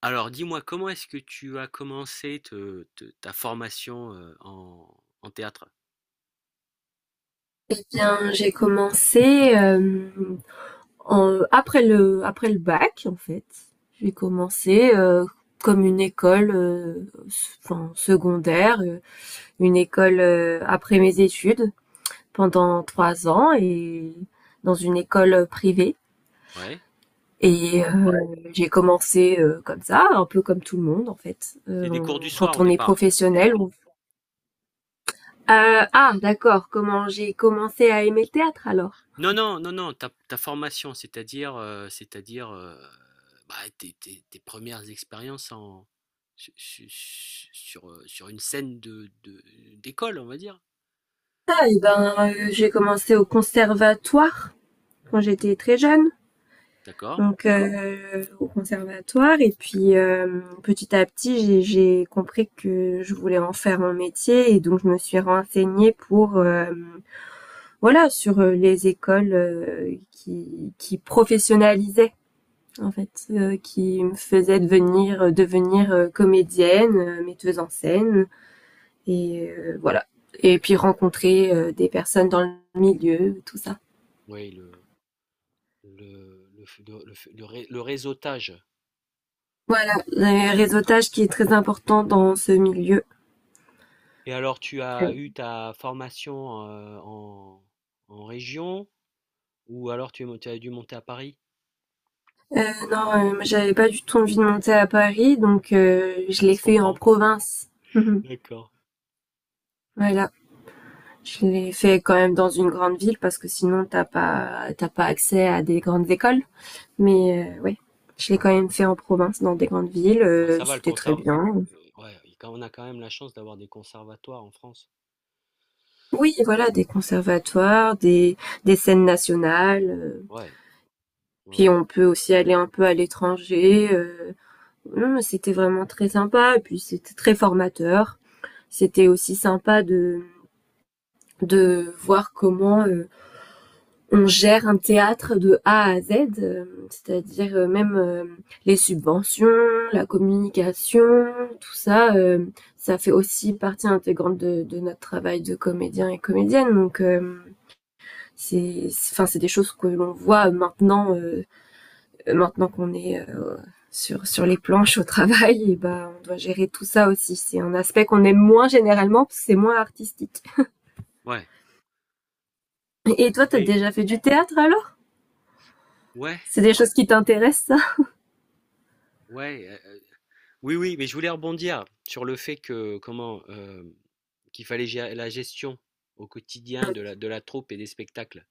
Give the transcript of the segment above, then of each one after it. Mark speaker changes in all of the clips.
Speaker 1: Alors dis-moi, comment est-ce que tu as commencé te te ta formation, en en théâtre?
Speaker 2: Eh bien, j'ai commencé après le bac en fait. J'ai commencé comme une école, enfin secondaire, une école après mes études pendant 3 ans et dans une école privée.
Speaker 1: Ouais?
Speaker 2: Et j'ai commencé comme ça, un peu comme tout le monde en fait.
Speaker 1: C'est des cours du soir
Speaker 2: Quand
Speaker 1: au
Speaker 2: on est
Speaker 1: départ?
Speaker 2: professionnel, on... Ah, d'accord. Comment j'ai commencé à aimer le théâtre alors?
Speaker 1: Non, non, non, non, ta formation, c'est-à-dire, c'est-à-dire, bah, tes 1 expériences en su su su sur, sur une scène de d'école, on va dire?
Speaker 2: Ah, eh ben, j'ai commencé au conservatoire quand j'étais très jeune.
Speaker 1: D'accord.
Speaker 2: Donc, au conservatoire. Et puis, petit à petit, j'ai compris que je voulais en faire mon métier. Et donc, je me suis renseignée pour, voilà, sur les écoles qui professionnalisaient, en fait, qui me faisaient devenir, devenir comédienne, metteuse en scène. Et voilà. Et puis, rencontrer des personnes dans le milieu, tout ça.
Speaker 1: Oui, le réseautage.
Speaker 2: Voilà, le réseautage qui est très important dans ce milieu.
Speaker 1: Et alors tu as eu ta formation, en en région? Ou alors tu as dû monter à Paris?
Speaker 2: Euh, non, j'avais pas du tout envie de monter à Paris, donc je
Speaker 1: Ça
Speaker 2: l'ai
Speaker 1: se
Speaker 2: fait en
Speaker 1: comprend.
Speaker 2: province.
Speaker 1: D'accord.
Speaker 2: Voilà, je l'ai fait quand même dans une grande ville parce que sinon t'as pas accès à des grandes écoles. Mais oui, je l'ai quand même fait en province, dans des grandes villes.
Speaker 1: Bah, ça va le
Speaker 2: C'était très
Speaker 1: conserv
Speaker 2: bien.
Speaker 1: ouais, il quand on a quand même la chance d'avoir des conservatoires en France.
Speaker 2: Oui, voilà, des conservatoires, des scènes nationales.
Speaker 1: Ouais, ouais,
Speaker 2: Puis
Speaker 1: ouais.
Speaker 2: on peut aussi aller un peu à l'étranger. Non, c'était vraiment très sympa. Et puis c'était très formateur. C'était aussi sympa de voir comment on gère un théâtre de A à Z, euh, c'est-à-dire même les subventions, la communication, tout ça, ça fait aussi partie intégrante de notre travail de comédien et comédienne. Donc c'est, enfin c'est des choses que l'on voit maintenant, maintenant qu'on est sur les planches au travail, et ben on doit gérer tout ça aussi. C'est un aspect qu'on aime moins généralement parce que c'est moins artistique.
Speaker 1: Ouais,
Speaker 2: Et toi, t'as
Speaker 1: mais
Speaker 2: déjà fait du théâtre alors?
Speaker 1: ouais,
Speaker 2: C'est des choses qui t'intéressent, ça?
Speaker 1: ouais, oui, oui, mais je voulais rebondir sur le fait que comment, qu'il fallait gérer la gestion au quotidien de la troupe et des spectacles.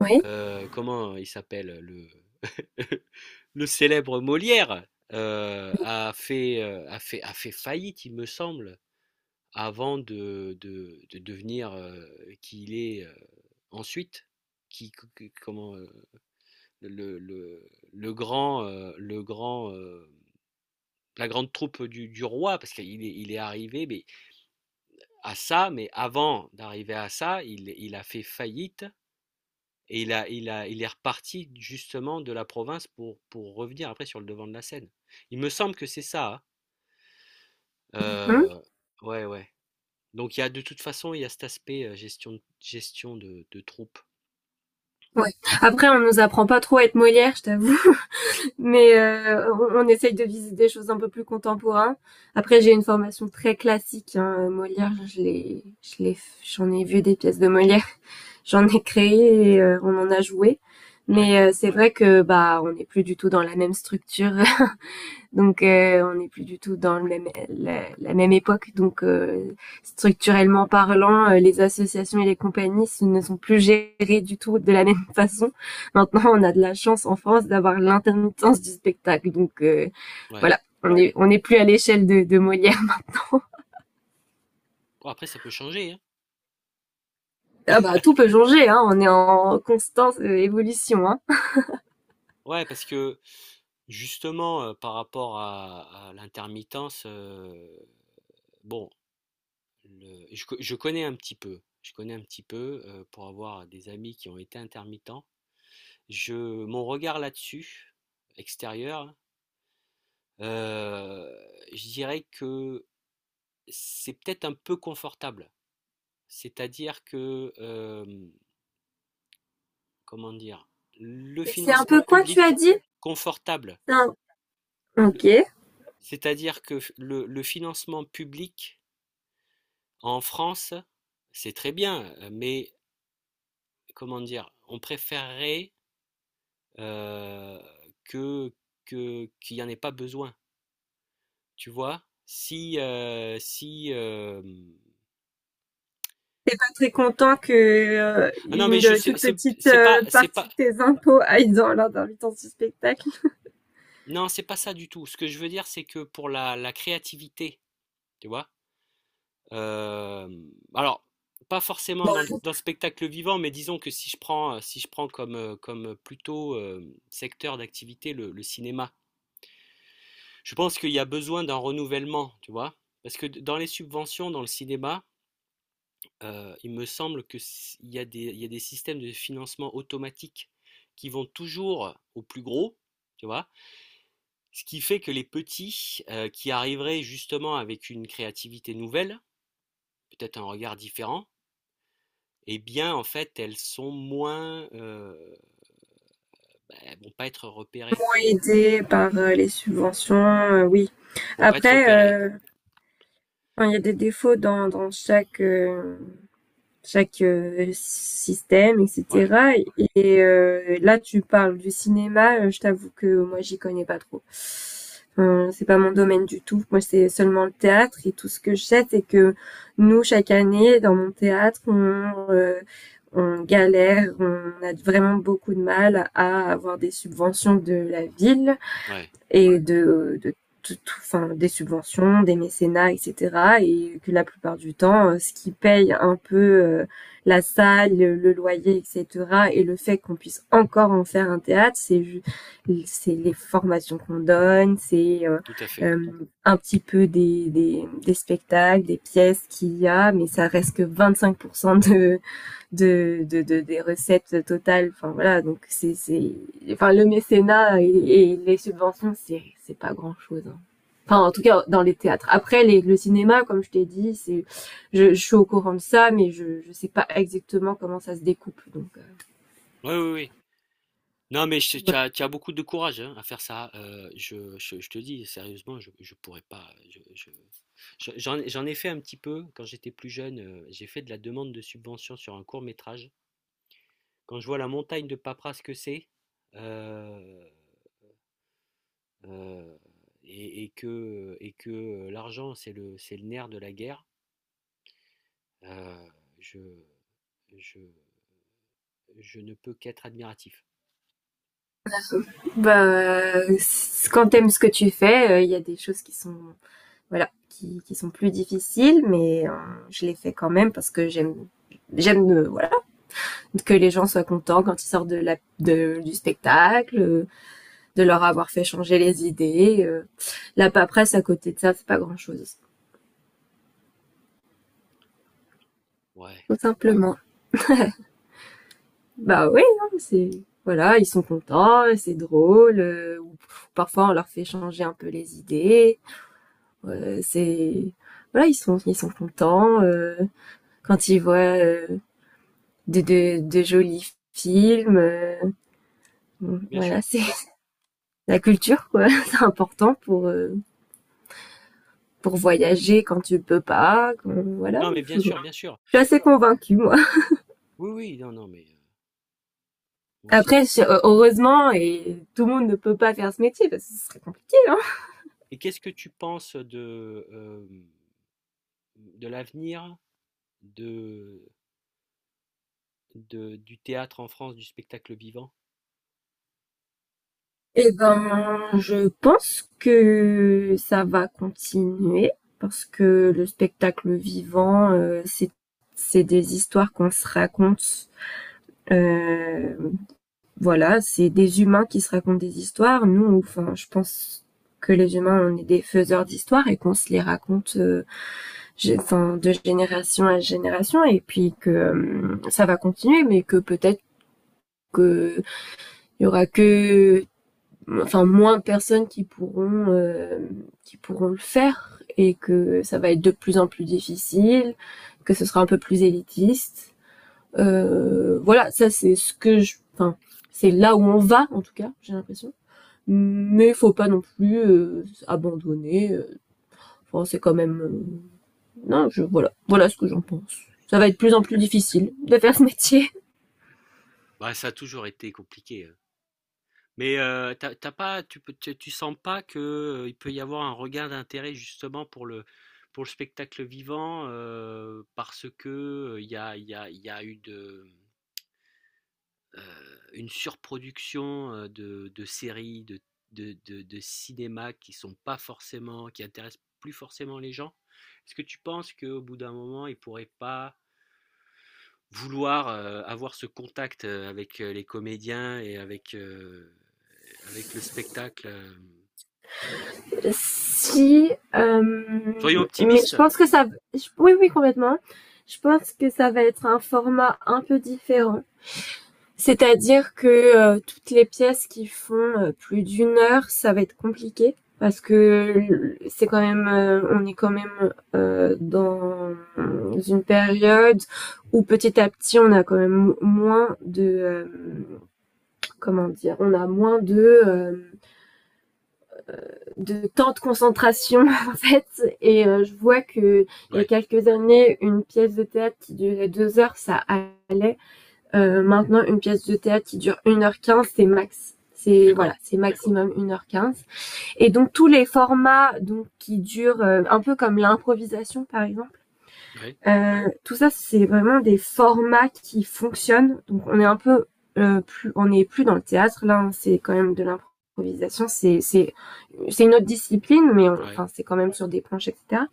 Speaker 2: Oui.
Speaker 1: Comment il s'appelle le le célèbre Molière, a fait, a fait faillite, il me semble. Avant de devenir, qui il est, ensuite, qui co comment, le le le grand, heu, le grand, heu, la grande troupe du roi parce qu'il est il est arrivé, mais à ça, mais avant d'arriver à ça, il a fait faillite et il est reparti justement de la province pour revenir après sur le devant de la scène. Il me semble que c'est ça, hein?
Speaker 2: Hum,
Speaker 1: Heu, ouais, ouais. Donc il y a de toute façon, il y a cet aspect, gestion de troupe.
Speaker 2: ouais. Après, on nous apprend pas trop à être Molière, je t'avoue. Mais on essaye de viser des choses un peu plus contemporaines. Après, j'ai une formation très classique. Hein. Molière, j'en ai vu des pièces de Molière, j'en ai créé et on en a joué.
Speaker 1: Ouais,
Speaker 2: Mais c'est vrai que bah on n'est plus du tout dans la même structure, donc on n'est plus du tout dans le même, la même époque. Donc structurellement parlant, les associations et les compagnies ne sont plus gérées du tout de la même façon. Maintenant, on a de la chance en France d'avoir l'intermittence du spectacle. Donc
Speaker 1: ouais.
Speaker 2: voilà. On n'est On est plus à l'échelle de Molière.
Speaker 1: Bon, après, ça peut changer, hein.
Speaker 2: Ah bah tout peut changer, hein, on est en constante évolution. Hein.
Speaker 1: Ouais, parce que justement, par rapport à l'intermittence, bon, je connais un petit peu. Je connais un petit peu pour avoir des amis qui ont été intermittents. Je, Mon regard là-dessus, extérieur, euh, je dirais que c'est peut-être un peu confortable. C'est-à-dire que, comment dire, le
Speaker 2: C'est un
Speaker 1: financement
Speaker 2: peu quoi tu as
Speaker 1: public.
Speaker 2: dit?
Speaker 1: Confortable.
Speaker 2: Un... Ok.
Speaker 1: C'est-à-dire que le financement public en France, c'est très bien, mais comment dire, on préférerait euh, que, qu'il n'y en ait pas besoin, tu vois? Si,
Speaker 2: Très content que
Speaker 1: ah non, mais
Speaker 2: une
Speaker 1: je sais,
Speaker 2: toute petite
Speaker 1: c'est
Speaker 2: partie
Speaker 1: pas,
Speaker 2: de tes impôts aille dans lors d'un huit ce spectacle.
Speaker 1: non, c'est pas ça du tout. Ce que je veux dire, c'est que pour la créativité, tu vois. Euh, alors, pas forcément dans dans le spectacle vivant, mais disons que si je prends, si je prends comme plutôt secteur d'activité le cinéma, je pense qu'il y a besoin d'un renouvellement, tu vois. Parce que dans les subventions, dans le cinéma, il me semble que il y a des systèmes de financement automatiques qui vont toujours au plus gros, tu vois. Ce qui fait que les petits, qui arriveraient justement avec une créativité nouvelle, peut-être un regard différent, eh bien, en fait, elles sont moins, bah, elles vont pas être repérées.
Speaker 2: Ont aidé par les subventions, oui.
Speaker 1: Vont pas être
Speaker 2: Après,
Speaker 1: repérées.
Speaker 2: enfin, il y a des défauts dans chaque chaque système,
Speaker 1: Ouais,
Speaker 2: etc. Et là, tu parles du cinéma. Je t'avoue que moi, j'y connais pas trop. C'est pas mon domaine du tout. Moi, c'est seulement le théâtre. Et tout ce que je sais, c'est que nous, chaque année, dans mon théâtre, on galère. On a vraiment beaucoup de mal à avoir des subventions de la ville
Speaker 1: ouais,
Speaker 2: et de enfin, des subventions, des mécénats, etc. Et que la plupart du temps, ce qui paye un peu, euh, la salle, le loyer, etc. Et le fait qu'on puisse encore en faire un théâtre, c'est les formations qu'on donne, c'est
Speaker 1: tout à fait.
Speaker 2: euh, un petit peu des spectacles, des pièces qu'il y a, mais ça reste que 25% des recettes totales. Enfin voilà, donc enfin le mécénat et les subventions, c'est pas grand chose. Hein. Enfin, en tout cas, dans les théâtres. Après, le cinéma, comme je t'ai dit, c'est, je suis au courant de ça, mais je sais pas exactement comment ça se découpe. Donc,
Speaker 1: Ouais, oui, oui. Non, mais je tu as beaucoup de courage, hein, à faire ça, je te dis sérieusement, je pourrais pas, je j'en j'en ai fait un petit peu quand j'étais plus jeune, j'ai fait de la demande de subvention sur un court-métrage. Quand je vois la montagne de paperasse que c'est, heu heu et que, l'argent, c'est le nerf de la guerre. Heu, je je je ne peux qu'être admiratif.
Speaker 2: bah, quand t'aimes ce que tu fais, il y a des choses qui sont, voilà, qui sont plus difficiles, mais je les fais quand même parce que j'aime, voilà. Que les gens soient contents quand ils sortent de la, du spectacle, de leur avoir fait changer les idées. La paperasse à côté de ça, c'est pas grand-chose.
Speaker 1: Ouais,
Speaker 2: Tout simplement. Bah oui, hein, c'est voilà, ils sont contents, c'est drôle. Parfois, on leur fait changer un peu les idées. C'est voilà, ils sont contents, quand ils voient de jolis films.
Speaker 1: bien sûr.
Speaker 2: Voilà, c'est la culture quoi. C'est important pour voyager quand tu peux pas. Voilà,
Speaker 1: Non, mais bien
Speaker 2: je
Speaker 1: sûr, bien sûr.
Speaker 2: suis assez convaincue moi.
Speaker 1: Oui, oui, non, non, mais moi
Speaker 2: Après,
Speaker 1: aussi.
Speaker 2: heureusement, et tout le monde ne peut pas faire ce métier parce que ce serait compliqué. Hein.
Speaker 1: Et qu'est-ce que tu penses de l'avenir de de du théâtre en France, du spectacle vivant?
Speaker 2: Et ben, je pense que ça va continuer parce que le spectacle vivant, c'est des histoires qu'on se raconte. Euh, voilà, c'est des humains qui se racontent des histoires. Nous, enfin, je pense que les humains, on est des faiseurs d'histoires et qu'on se les raconte, enfin, de génération à génération, et puis que ça va continuer, mais que peut-être qu'il y aura que enfin moins de personnes qui pourront, qui pourront le faire, et que ça va être de plus en plus difficile, que ce sera un peu plus élitiste, voilà, ça c'est ce que je, enfin, c'est là où on va en tout cas, j'ai l'impression. Mais faut pas non plus, abandonner. Enfin, c'est quand même, non, je voilà, voilà ce que j'en pense. Ça va être de plus en plus difficile de faire ce métier.
Speaker 1: Bah, ça a toujours été compliqué. Mais t'as pas, tu sens pas que, il peut y avoir un regain d'intérêt justement pour pour le spectacle vivant parce que il y a eu une surproduction de séries, de cinéma qui sont pas forcément, qui intéressent plus forcément les gens. Est-ce que tu penses qu'au bout d'un moment, ils pourraient pas vouloir avoir ce contact avec les comédiens et avec le spectacle?
Speaker 2: Si,
Speaker 1: Soyons
Speaker 2: mais je
Speaker 1: optimistes?
Speaker 2: pense que ça, oui, oui, complètement. Je pense que ça va être un format un peu différent. C'est-à-dire que toutes les pièces qui font plus d'1 heure, ça va être compliqué parce que c'est quand même, on est quand même dans une période où petit à petit, on a quand même moins de, comment dire, on a moins de, euh, de temps de concentration en fait. Et je vois que il y a
Speaker 1: Ouais,
Speaker 2: quelques années, une pièce de théâtre qui durait 2 heures, ça allait. Maintenant, une pièce de théâtre qui dure 1h15, c'est max. C'est voilà,
Speaker 1: d'accord.
Speaker 2: c'est maximum 1h15. Et donc tous les formats donc qui durent, un peu comme l'improvisation par exemple.
Speaker 1: Ouais,
Speaker 2: Tout ça c'est vraiment des formats qui fonctionnent. Donc on est un peu, plus on n'est plus dans le théâtre là, hein, c'est quand même de l'improvisation, c'est une autre discipline mais
Speaker 1: ouais,
Speaker 2: enfin c'est quand même sur des planches etc.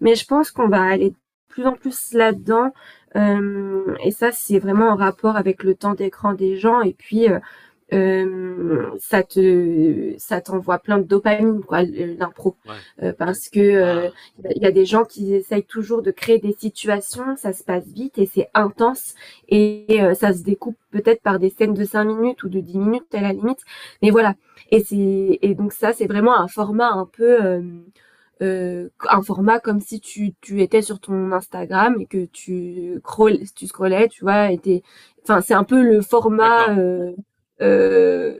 Speaker 2: Mais je pense qu'on va aller de plus en plus là-dedans. Et ça, c'est vraiment en rapport avec le temps d'écran des gens et puis ça te ça t'envoie plein de dopamine quoi l'impro,
Speaker 1: ouais.
Speaker 2: parce que
Speaker 1: Ah,
Speaker 2: il y a des gens qui essayent toujours de créer des situations, ça se passe vite et c'est intense, et ça se découpe peut-être par des scènes de 5 minutes ou de 10 minutes à la limite, mais voilà, et c'est et donc ça c'est vraiment un format un peu, un format comme si tu, tu étais sur ton Instagram et que tu, scroll, tu scrollais, tu vois, était, enfin, c'est un peu le
Speaker 1: d'accord.
Speaker 2: format, euh,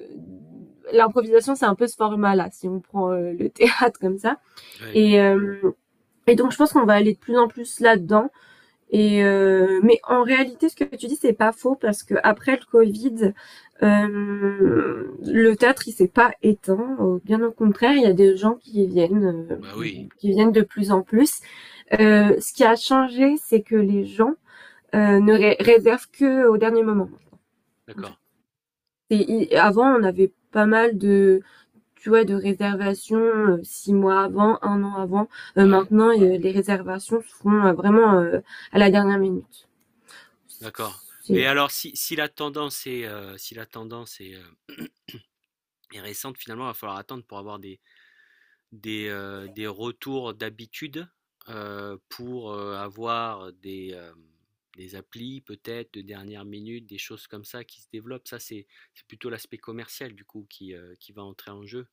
Speaker 2: l'improvisation, c'est un peu ce format-là, si on prend le théâtre comme ça.
Speaker 1: Ouais,
Speaker 2: Et, euh, et donc, je pense qu'on va aller de plus en plus là-dedans. Et mais en réalité, ce que tu dis, c'est pas faux parce que après le Covid, le théâtre, il s'est pas éteint. Bien au contraire, il y a des gens
Speaker 1: bah
Speaker 2: euh,
Speaker 1: oui,
Speaker 2: qui viennent de plus en plus. Ce qui a changé, c'est que les gens ne ré réservent que au dernier moment. En fait.
Speaker 1: d'accord.
Speaker 2: Et avant, on avait pas mal de, tu vois, de réservation, 6 mois avant, 1 an avant.
Speaker 1: Ouais,
Speaker 2: Maintenant, les réservations se font vraiment à la dernière minute.
Speaker 1: d'accord. Mais
Speaker 2: C'est...
Speaker 1: alors, si la tendance est, est récente, finalement, il va falloir attendre pour avoir des retours d'habitude, pour avoir des applis, peut-être, de dernière minute, des choses comme ça qui se développent. Ça, c'est plutôt l'aspect commercial, du coup, qui va entrer en jeu.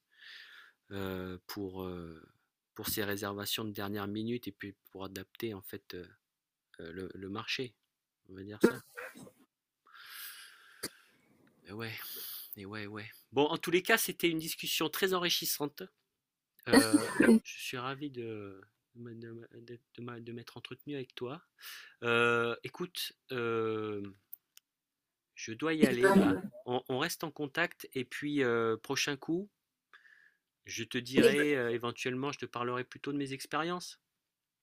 Speaker 1: Pour pour ces réservations de dernière minute et puis pour adapter en fait le marché. On va dire ça. Et ouais, et ouais, ouais. Bon, en tous les cas, c'était une discussion très enrichissante. Euh, je suis ravi de m'être entretenu avec toi. Écoute, je dois y
Speaker 2: Eh
Speaker 1: aller là.
Speaker 2: ben,
Speaker 1: On reste en contact et puis prochain coup, je te
Speaker 2: eh
Speaker 1: dirai
Speaker 2: ben
Speaker 1: éventuellement, je te parlerai plutôt de mes expériences.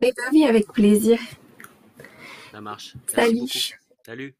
Speaker 2: eh ben oui, avec plaisir.
Speaker 1: Ça marche. Merci beaucoup.
Speaker 2: Salut.
Speaker 1: Salut.